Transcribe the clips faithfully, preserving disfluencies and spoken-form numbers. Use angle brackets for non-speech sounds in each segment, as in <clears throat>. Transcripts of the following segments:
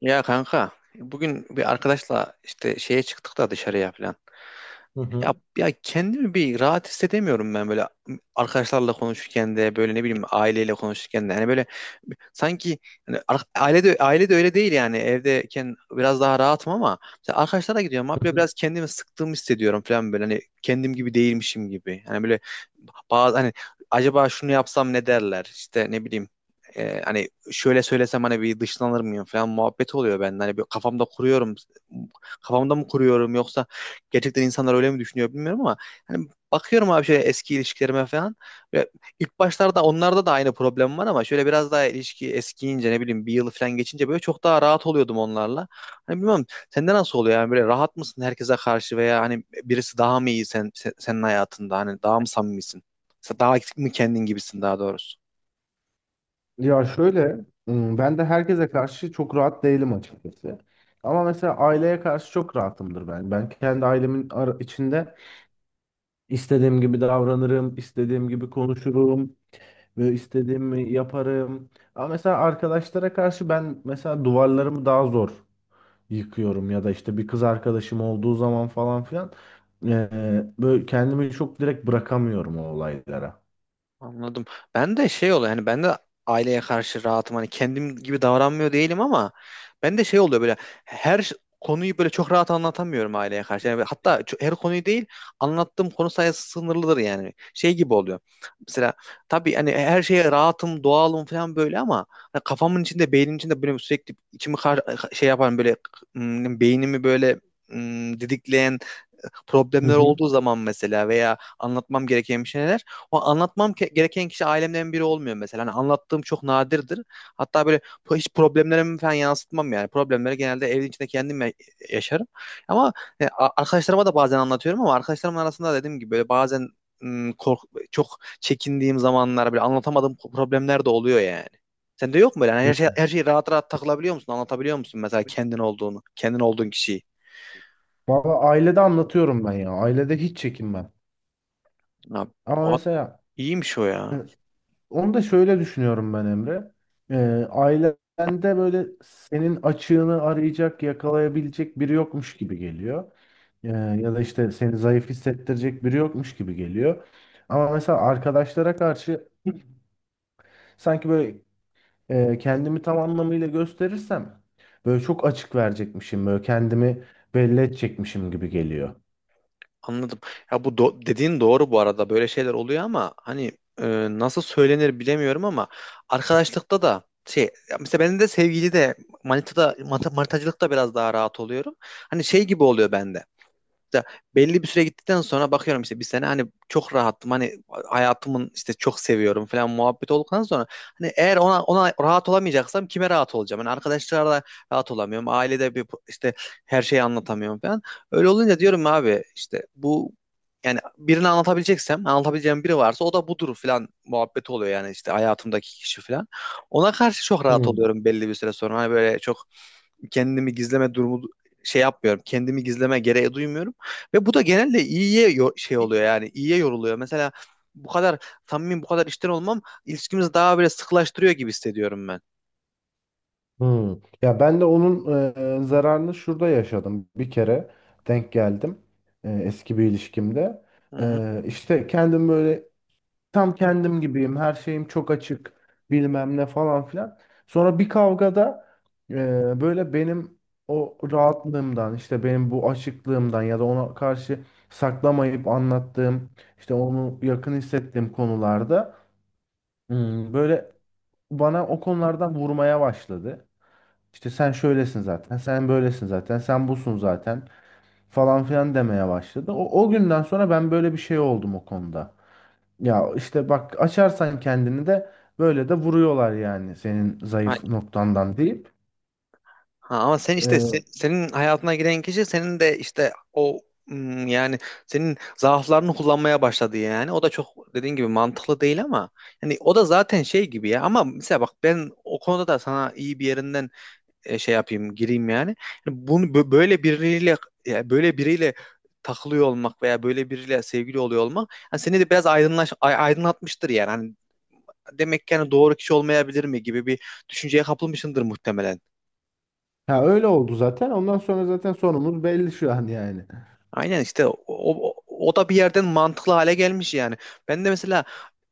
Ya kanka bugün bir arkadaşla işte şeye çıktık da dışarıya falan. Hı Ya, hı. ya kendimi bir rahat hissedemiyorum ben böyle arkadaşlarla konuşurken de böyle ne bileyim aileyle konuşurken de. Yani böyle sanki hani ar- ailede ailede öyle değil yani evdeyken biraz daha rahatım ama mesela arkadaşlara gidiyorum abi Hı böyle hı. biraz kendimi sıktığımı hissediyorum falan böyle hani kendim gibi değilmişim gibi. Yani böyle bazı hani acaba şunu yapsam ne derler işte ne bileyim e, hani şöyle söylesem hani bir dışlanır mıyım falan muhabbet oluyor bende. Hani bir kafamda kuruyorum. Kafamda mı kuruyorum yoksa gerçekten insanlar öyle mi düşünüyor bilmiyorum ama hani bakıyorum abi şöyle eski ilişkilerime falan. Ve ilk başlarda onlarda da aynı problem var ama şöyle biraz daha ilişki eskiyince ne bileyim bir yıl falan geçince böyle çok daha rahat oluyordum onlarla. Hani bilmiyorum sende nasıl oluyor yani böyle rahat mısın herkese karşı veya hani birisi daha mı iyi sen, sen- senin hayatında hani daha mı samimisin? Daha mı kendin gibisin daha doğrusu? Ya şöyle, ım, ben de herkese karşı çok rahat değilim açıkçası. Ama mesela aileye karşı çok rahatımdır ben. Ben kendi ailemin ara- içinde istediğim gibi davranırım, istediğim gibi konuşurum ve istediğimi yaparım. Ama mesela arkadaşlara karşı ben mesela duvarlarımı daha zor yıkıyorum ya da işte bir kız arkadaşım olduğu zaman falan filan, eee, böyle kendimi çok direkt bırakamıyorum o olaylara. Anladım. Ben de şey oluyor hani ben de aileye karşı rahatım hani kendim gibi davranmıyor değilim ama ben de şey oluyor böyle her ş- konuyu böyle çok rahat anlatamıyorum aileye karşı. Yani hatta ço- her konuyu değil, anlattığım konu sayısı sınırlıdır yani. Şey gibi oluyor. Mesela tabii hani e, her şeye rahatım, doğalım falan böyle ama hani kafamın içinde, beynimin içinde böyle sürekli içimi kar- şey yapan böyle, ım, beynimi böyle ım, didikleyen, e, Hı problemler hı. olduğu zaman mesela veya anlatmam gereken bir şeyler, o anlatmam ke- gereken kişi ailemden biri olmuyor mesela. Hani anlattığım çok nadirdir. Hatta böyle po- hiç problemlerimi falan yansıtmam yani. Problemleri genelde evin içinde kendim ya- yaşarım. Ama e, a- arkadaşlarıma da bazen anlatıyorum ama arkadaşlarımın arasında dediğim gibi böyle bazen mm, kork çok çekindiğim zamanlar böyle anlatamadığım problemler de oluyor yani. Sende yok mu böyle? Yani Hı. her şey, her şeyi rahat rahat takılabiliyor musun? Anlatabiliyor musun mesela Tabii. kendin olduğunu, kendin olduğun kişiyi? Valla ailede anlatıyorum ben ya. Ailede hiç çekinmem. Abi, Ama abi mesela iyiymiş o e, ya. onu da şöyle düşünüyorum ben Emre. Ee, ailende böyle senin açığını arayacak, yakalayabilecek biri yokmuş gibi geliyor. Ee, ya da işte seni zayıf hissettirecek biri yokmuş gibi geliyor. Ama mesela arkadaşlara karşı <clears throat> sanki böyle e, kendimi tam anlamıyla gösterirsem böyle çok açık verecekmişim, böyle kendimi belli edecekmişim gibi geliyor. Anladım. Ya bu do- dediğin doğru bu arada. Böyle şeyler oluyor ama hani, e, nasıl söylenir bilemiyorum ama arkadaşlıkta da şey, ya mesela ben de sevgili de manitada manita- manitacılıkta biraz daha rahat oluyorum. Hani şey gibi oluyor bende. Ya belli bir süre gittikten sonra bakıyorum işte bir sene hani çok rahattım, hani hayatımın işte çok seviyorum falan muhabbet olduktan sonra hani eğer ona ona rahat olamayacaksam kime rahat olacağım? Hani arkadaşlarla rahat olamıyorum. Ailede bir işte her şeyi anlatamıyorum falan. Öyle olunca diyorum abi işte bu, yani birini anlatabileceksem, anlatabileceğim biri varsa o da budur falan muhabbeti oluyor yani işte hayatımdaki kişi falan. Ona karşı çok rahat Hmm. oluyorum belli bir süre sonra. Hani böyle çok kendimi gizleme durumu şey yapmıyorum. Kendimi gizleme gereği duymuyorum. Ve bu da genelde iyiye yo- şey oluyor yani. İyiye yoruluyor. Mesela bu kadar samimi, bu kadar içten olmam ilişkimizi daha böyle sıkılaştırıyor gibi hissediyorum ben. Hmm. Ya ben de onun e, zararını şurada yaşadım. Bir kere denk geldim e, eski bir ilişkimde. Hı hı. E, işte kendim böyle tam kendim gibiyim. Her şeyim çok açık. Bilmem ne falan filan. Sonra bir kavgada, e, böyle benim o rahatlığımdan işte benim bu açıklığımdan ya da ona karşı saklamayıp anlattığım işte onu yakın hissettiğim konularda, hmm, böyle bana o konulardan vurmaya başladı. İşte sen şöylesin zaten, sen böylesin zaten, sen busun zaten falan filan demeye başladı. O, o günden sonra ben böyle bir şey oldum o konuda. Ya işte bak açarsan kendini de böyle de vuruyorlar yani senin Ha, zayıf noktandan deyip. ha, ama sen işte, se- Ee, senin hayatına giren kişi senin de işte o, hmm, yani senin zaaflarını kullanmaya başladı yani. O da çok dediğin gibi mantıklı değil ama yani o da zaten şey gibi ya, ama mesela bak ben o konuda da sana iyi bir yerinden e, şey yapayım, gireyim yani. Yani bunu bö- böyle biriyle, ya böyle biriyle takılıyor olmak veya böyle biriyle sevgili oluyor olmak hani seni de biraz aydınlaş, ay- aydınlatmıştır yani. Hani demek ki hani doğru kişi olmayabilir mi gibi bir düşünceye kapılmışsındır muhtemelen. ha, öyle oldu zaten. Ondan sonra zaten sonumuz belli şu an yani. Aynen işte o, o, o da bir yerden mantıklı hale gelmiş yani. Ben de mesela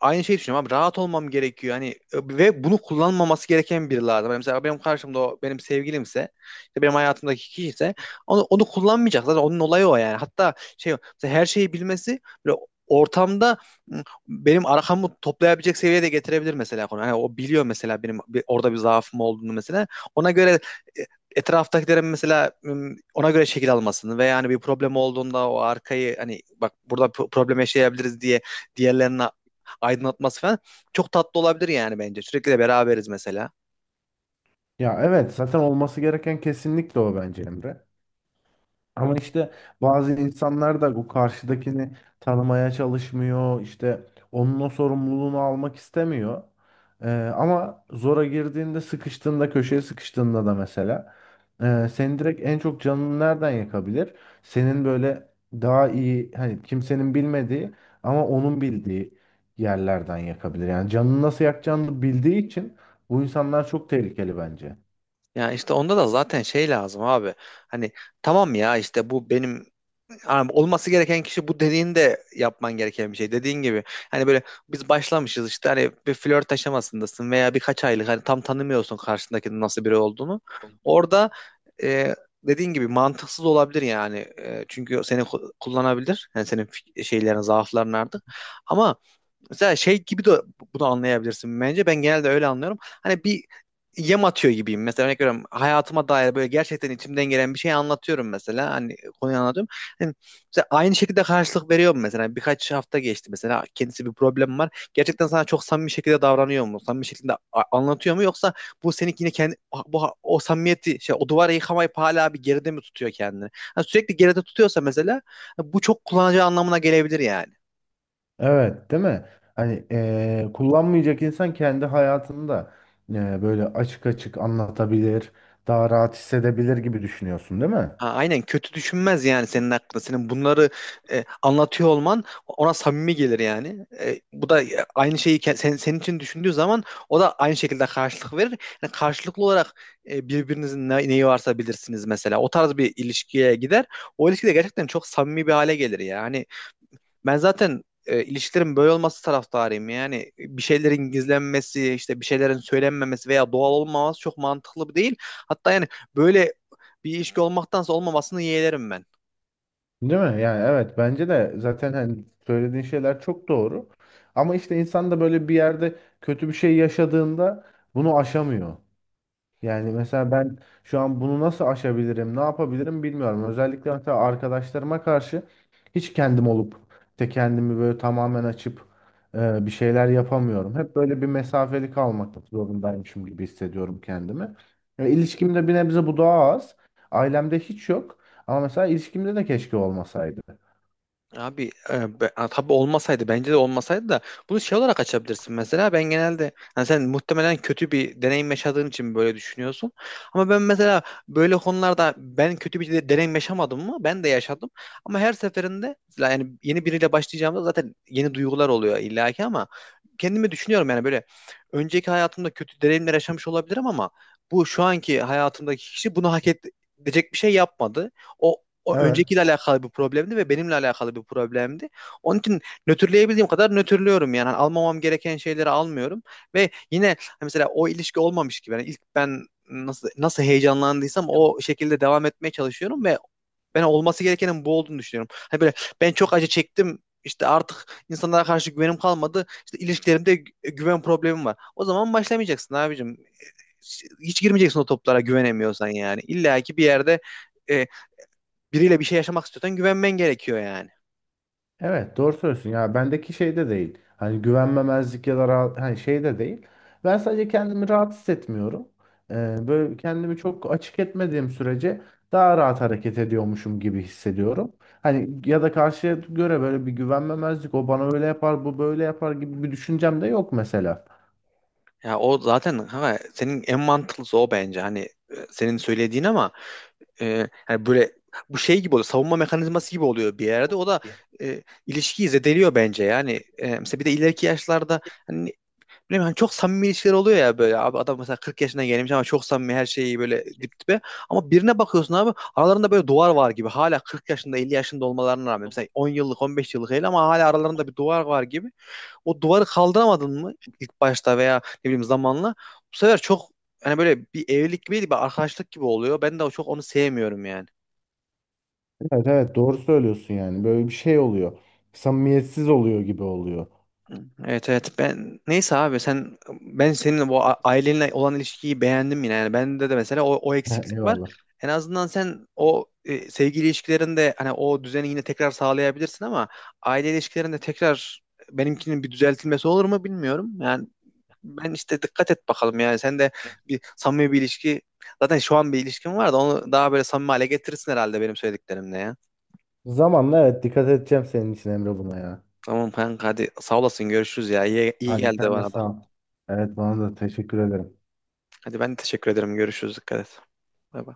aynı şeyi düşünüyorum abi, rahat olmam gerekiyor hani, e, ve bunu kullanmaması gereken biri lazım. Yani mesela benim karşımda o benim sevgilimse, işte benim hayatımdaki kişi ise onu, onu kullanmayacak, zaten onun olayı o yani. Hatta şey, mesela her şeyi bilmesi böyle ortamda m, benim arkamı toplayabilecek seviyeye de getirebilir mesela konu. Hani o biliyor mesela benim bir- orada bir zaafım olduğunu mesela. Ona göre e, etraftakilerin mesela m, ona göre şekil almasını ve yani bir problem olduğunda o arkayı, hani bak burada pro- problem yaşayabiliriz diye diğerlerine aydınlatması falan çok tatlı olabilir yani bence. Sürekli de beraberiz mesela. Ya evet, zaten olması gereken kesinlikle o bence Emre. Ama işte bazı insanlar da bu karşıdakini tanımaya çalışmıyor. İşte onun o sorumluluğunu almak istemiyor. Ee, ama zora girdiğinde, sıkıştığında, köşeye sıkıştığında da mesela, e, senin direkt en çok canını nereden yakabilir? Senin böyle daha iyi, hani kimsenin bilmediği ama onun bildiği yerlerden yakabilir. Yani canını nasıl yakacağını bildiği için bu insanlar çok tehlikeli bence. Ya işte onda da zaten şey lazım abi. Hani tamam, ya işte bu benim, abi olması gereken kişi bu dediğin de yapman gereken bir şey. Dediğin gibi hani böyle biz başlamışız işte, hani bir flört aşamasındasın veya birkaç aylık, hani tam tanımıyorsun karşındakinin nasıl biri olduğunu. Orada e, dediğin gibi mantıksız olabilir yani. E, çünkü seni ku- kullanabilir. Yani senin fik- şeylerin, zaafların artık. Ama mesela şey gibi de bunu anlayabilirsin bence. Ben genelde öyle anlıyorum. Hani bir yem atıyor gibiyim. Mesela örnek veriyorum, hayatıma dair böyle gerçekten içimden gelen bir şey anlatıyorum mesela. Hani konuyu anlatıyorum. Hani mesela aynı şekilde karşılık veriyor mu mesela? Birkaç hafta geçti, mesela kendisi bir problem var. Gerçekten sana çok samimi şekilde davranıyor mu? Samimi şekilde a- anlatıyor mu? Yoksa bu seni yine kendi, bu o samimiyeti şey, o duvarı yıkamayıp hala bir geride mi tutuyor kendini? Hani sürekli geride tutuyorsa mesela, bu çok kullanıcı anlamına gelebilir yani. Evet, değil mi? Hani eee, kullanmayacak insan kendi hayatında, eee, böyle açık açık anlatabilir, daha rahat hissedebilir gibi düşünüyorsun, değil mi? Ha, aynen, kötü düşünmez yani senin hakkında. Senin bunları e, anlatıyor olman ona samimi gelir yani. E, bu da, e, aynı şeyi ke- sen, senin için düşündüğü zaman o da aynı şekilde karşılık verir. Yani karşılıklı olarak e, birbirinizin ne- neyi varsa bilirsiniz mesela. O tarz bir ilişkiye gider. O ilişki de gerçekten çok samimi bir hale gelir ya. Ben zaten e, ilişkilerin böyle olması taraftarıyım. Yani bir şeylerin gizlenmesi, işte bir şeylerin söylenmemesi veya doğal olmaması çok mantıklı değil. Hatta yani böyle bir ilişki olmaktansa olmamasını yeğlerim ben. Değil mi? Yani evet, bence de zaten hani söylediğin şeyler çok doğru. Ama işte insan da böyle bir yerde kötü bir şey yaşadığında bunu aşamıyor. Yani mesela ben şu an bunu nasıl aşabilirim, ne yapabilirim bilmiyorum. Özellikle mesela arkadaşlarıma karşı hiç kendim olup de kendimi böyle tamamen açıp, e, bir şeyler yapamıyorum. Hep böyle bir mesafeli kalmak zorundaymışım gibi hissediyorum kendimi. E, ilişkimde bir nebze bu daha az. Ailemde hiç yok. Ama mesela ilişkimde de keşke olmasaydı. Abi, e, be- a, tabii olmasaydı, bence de olmasaydı da bunu şey olarak açabilirsin mesela. Ben genelde hani, sen muhtemelen kötü bir deneyim yaşadığın için böyle düşünüyorsun ama ben mesela böyle konularda, ben kötü bir de- deneyim yaşamadım mı? Ben de yaşadım ama her seferinde mesela, yani yeni biriyle başlayacağımda zaten yeni duygular oluyor illaki, ama kendimi düşünüyorum yani böyle, önceki hayatımda kötü deneyimler yaşamış olabilirim ama bu şu anki hayatımdaki kişi bunu hak edecek bir şey yapmadı. O o öncekiyle Evet. alakalı bir problemdi ve benimle alakalı bir problemdi. Onun için nötrleyebildiğim kadar nötrlüyorum yani. Hani almamam gereken şeyleri almıyorum ve yine hani mesela o ilişki olmamış gibi, yani ilk ben nasıl nasıl heyecanlandıysam o şekilde devam etmeye çalışıyorum ve ben olması gerekenin bu olduğunu düşünüyorum. Hani böyle, ben çok acı çektim, işte artık insanlara karşı güvenim kalmadı, İşte ilişkilerimde gü- güven problemim var, o zaman başlamayacaksın abicim. Hiç girmeyeceksin o toplara güvenemiyorsan yani. İlla ki bir yerde e, biriyle bir şey yaşamak istiyorsan güvenmen gerekiyor yani. Evet, doğru söylüyorsun ya, bendeki şey de değil hani güvenmemezlik ya da rahat, hani şey de değil, ben sadece kendimi rahat hissetmiyorum. Ee, böyle kendimi çok açık etmediğim sürece daha rahat hareket ediyormuşum gibi hissediyorum, hani ya da karşıya göre böyle bir güvenmemezlik, o bana öyle yapar bu böyle yapar gibi bir düşüncem de yok mesela. Ya o zaten, ha, senin en mantıklısı o bence. Hani e, senin söylediğin ama, e, hani böyle, bu şey gibi oluyor. Savunma mekanizması gibi oluyor bir yerde. O da e, ilişkiyi zedeliyor bence. Yani e, mesela bir de ileriki yaşlarda hani, bilmiyorum, hani çok samimi ilişkiler oluyor ya, böyle abi adam mesela kırk yaşına gelmiş ama çok samimi, her şeyi böyle dip dibe. Ama birine bakıyorsun abi aralarında böyle duvar var gibi. Hala kırk yaşında, elli yaşında olmalarına rağmen, mesela on yıllık on beş yıllık değil ama hala aralarında bir duvar var gibi. O duvarı kaldıramadın mı ilk başta veya ne bileyim zamanla, bu sefer çok, hani böyle bir evlilik gibi değil, bir arkadaşlık gibi oluyor. Ben de çok onu sevmiyorum yani. Evet evet, doğru söylüyorsun, yani böyle bir şey oluyor, samimiyetsiz oluyor gibi oluyor. Evet, evet, ben neyse abi, sen, ben senin bu a- ailenle olan ilişkiyi beğendim yine yani, bende de mesela o, o <laughs> eksiklik var. Eyvallah, En azından sen o, e, sevgili ilişkilerinde hani o düzeni yine tekrar sağlayabilirsin ama aile ilişkilerinde tekrar, benimkinin bir düzeltilmesi olur mu bilmiyorum yani. Ben işte dikkat et bakalım, yani sen de bir samimi bir ilişki, zaten şu an bir ilişkin var da onu daha böyle samimi hale getirirsin herhalde benim söylediklerimle ya. zamanla evet, dikkat edeceğim senin için Emre buna ya. Tamam kanka, hadi sağ olasın, görüşürüz ya, iyi, iyi Hadi geldi sen de bana da. sağ ol. Evet, bana da teşekkür ederim. Hadi ben teşekkür ederim. Görüşürüz. Dikkat et. Bay bay.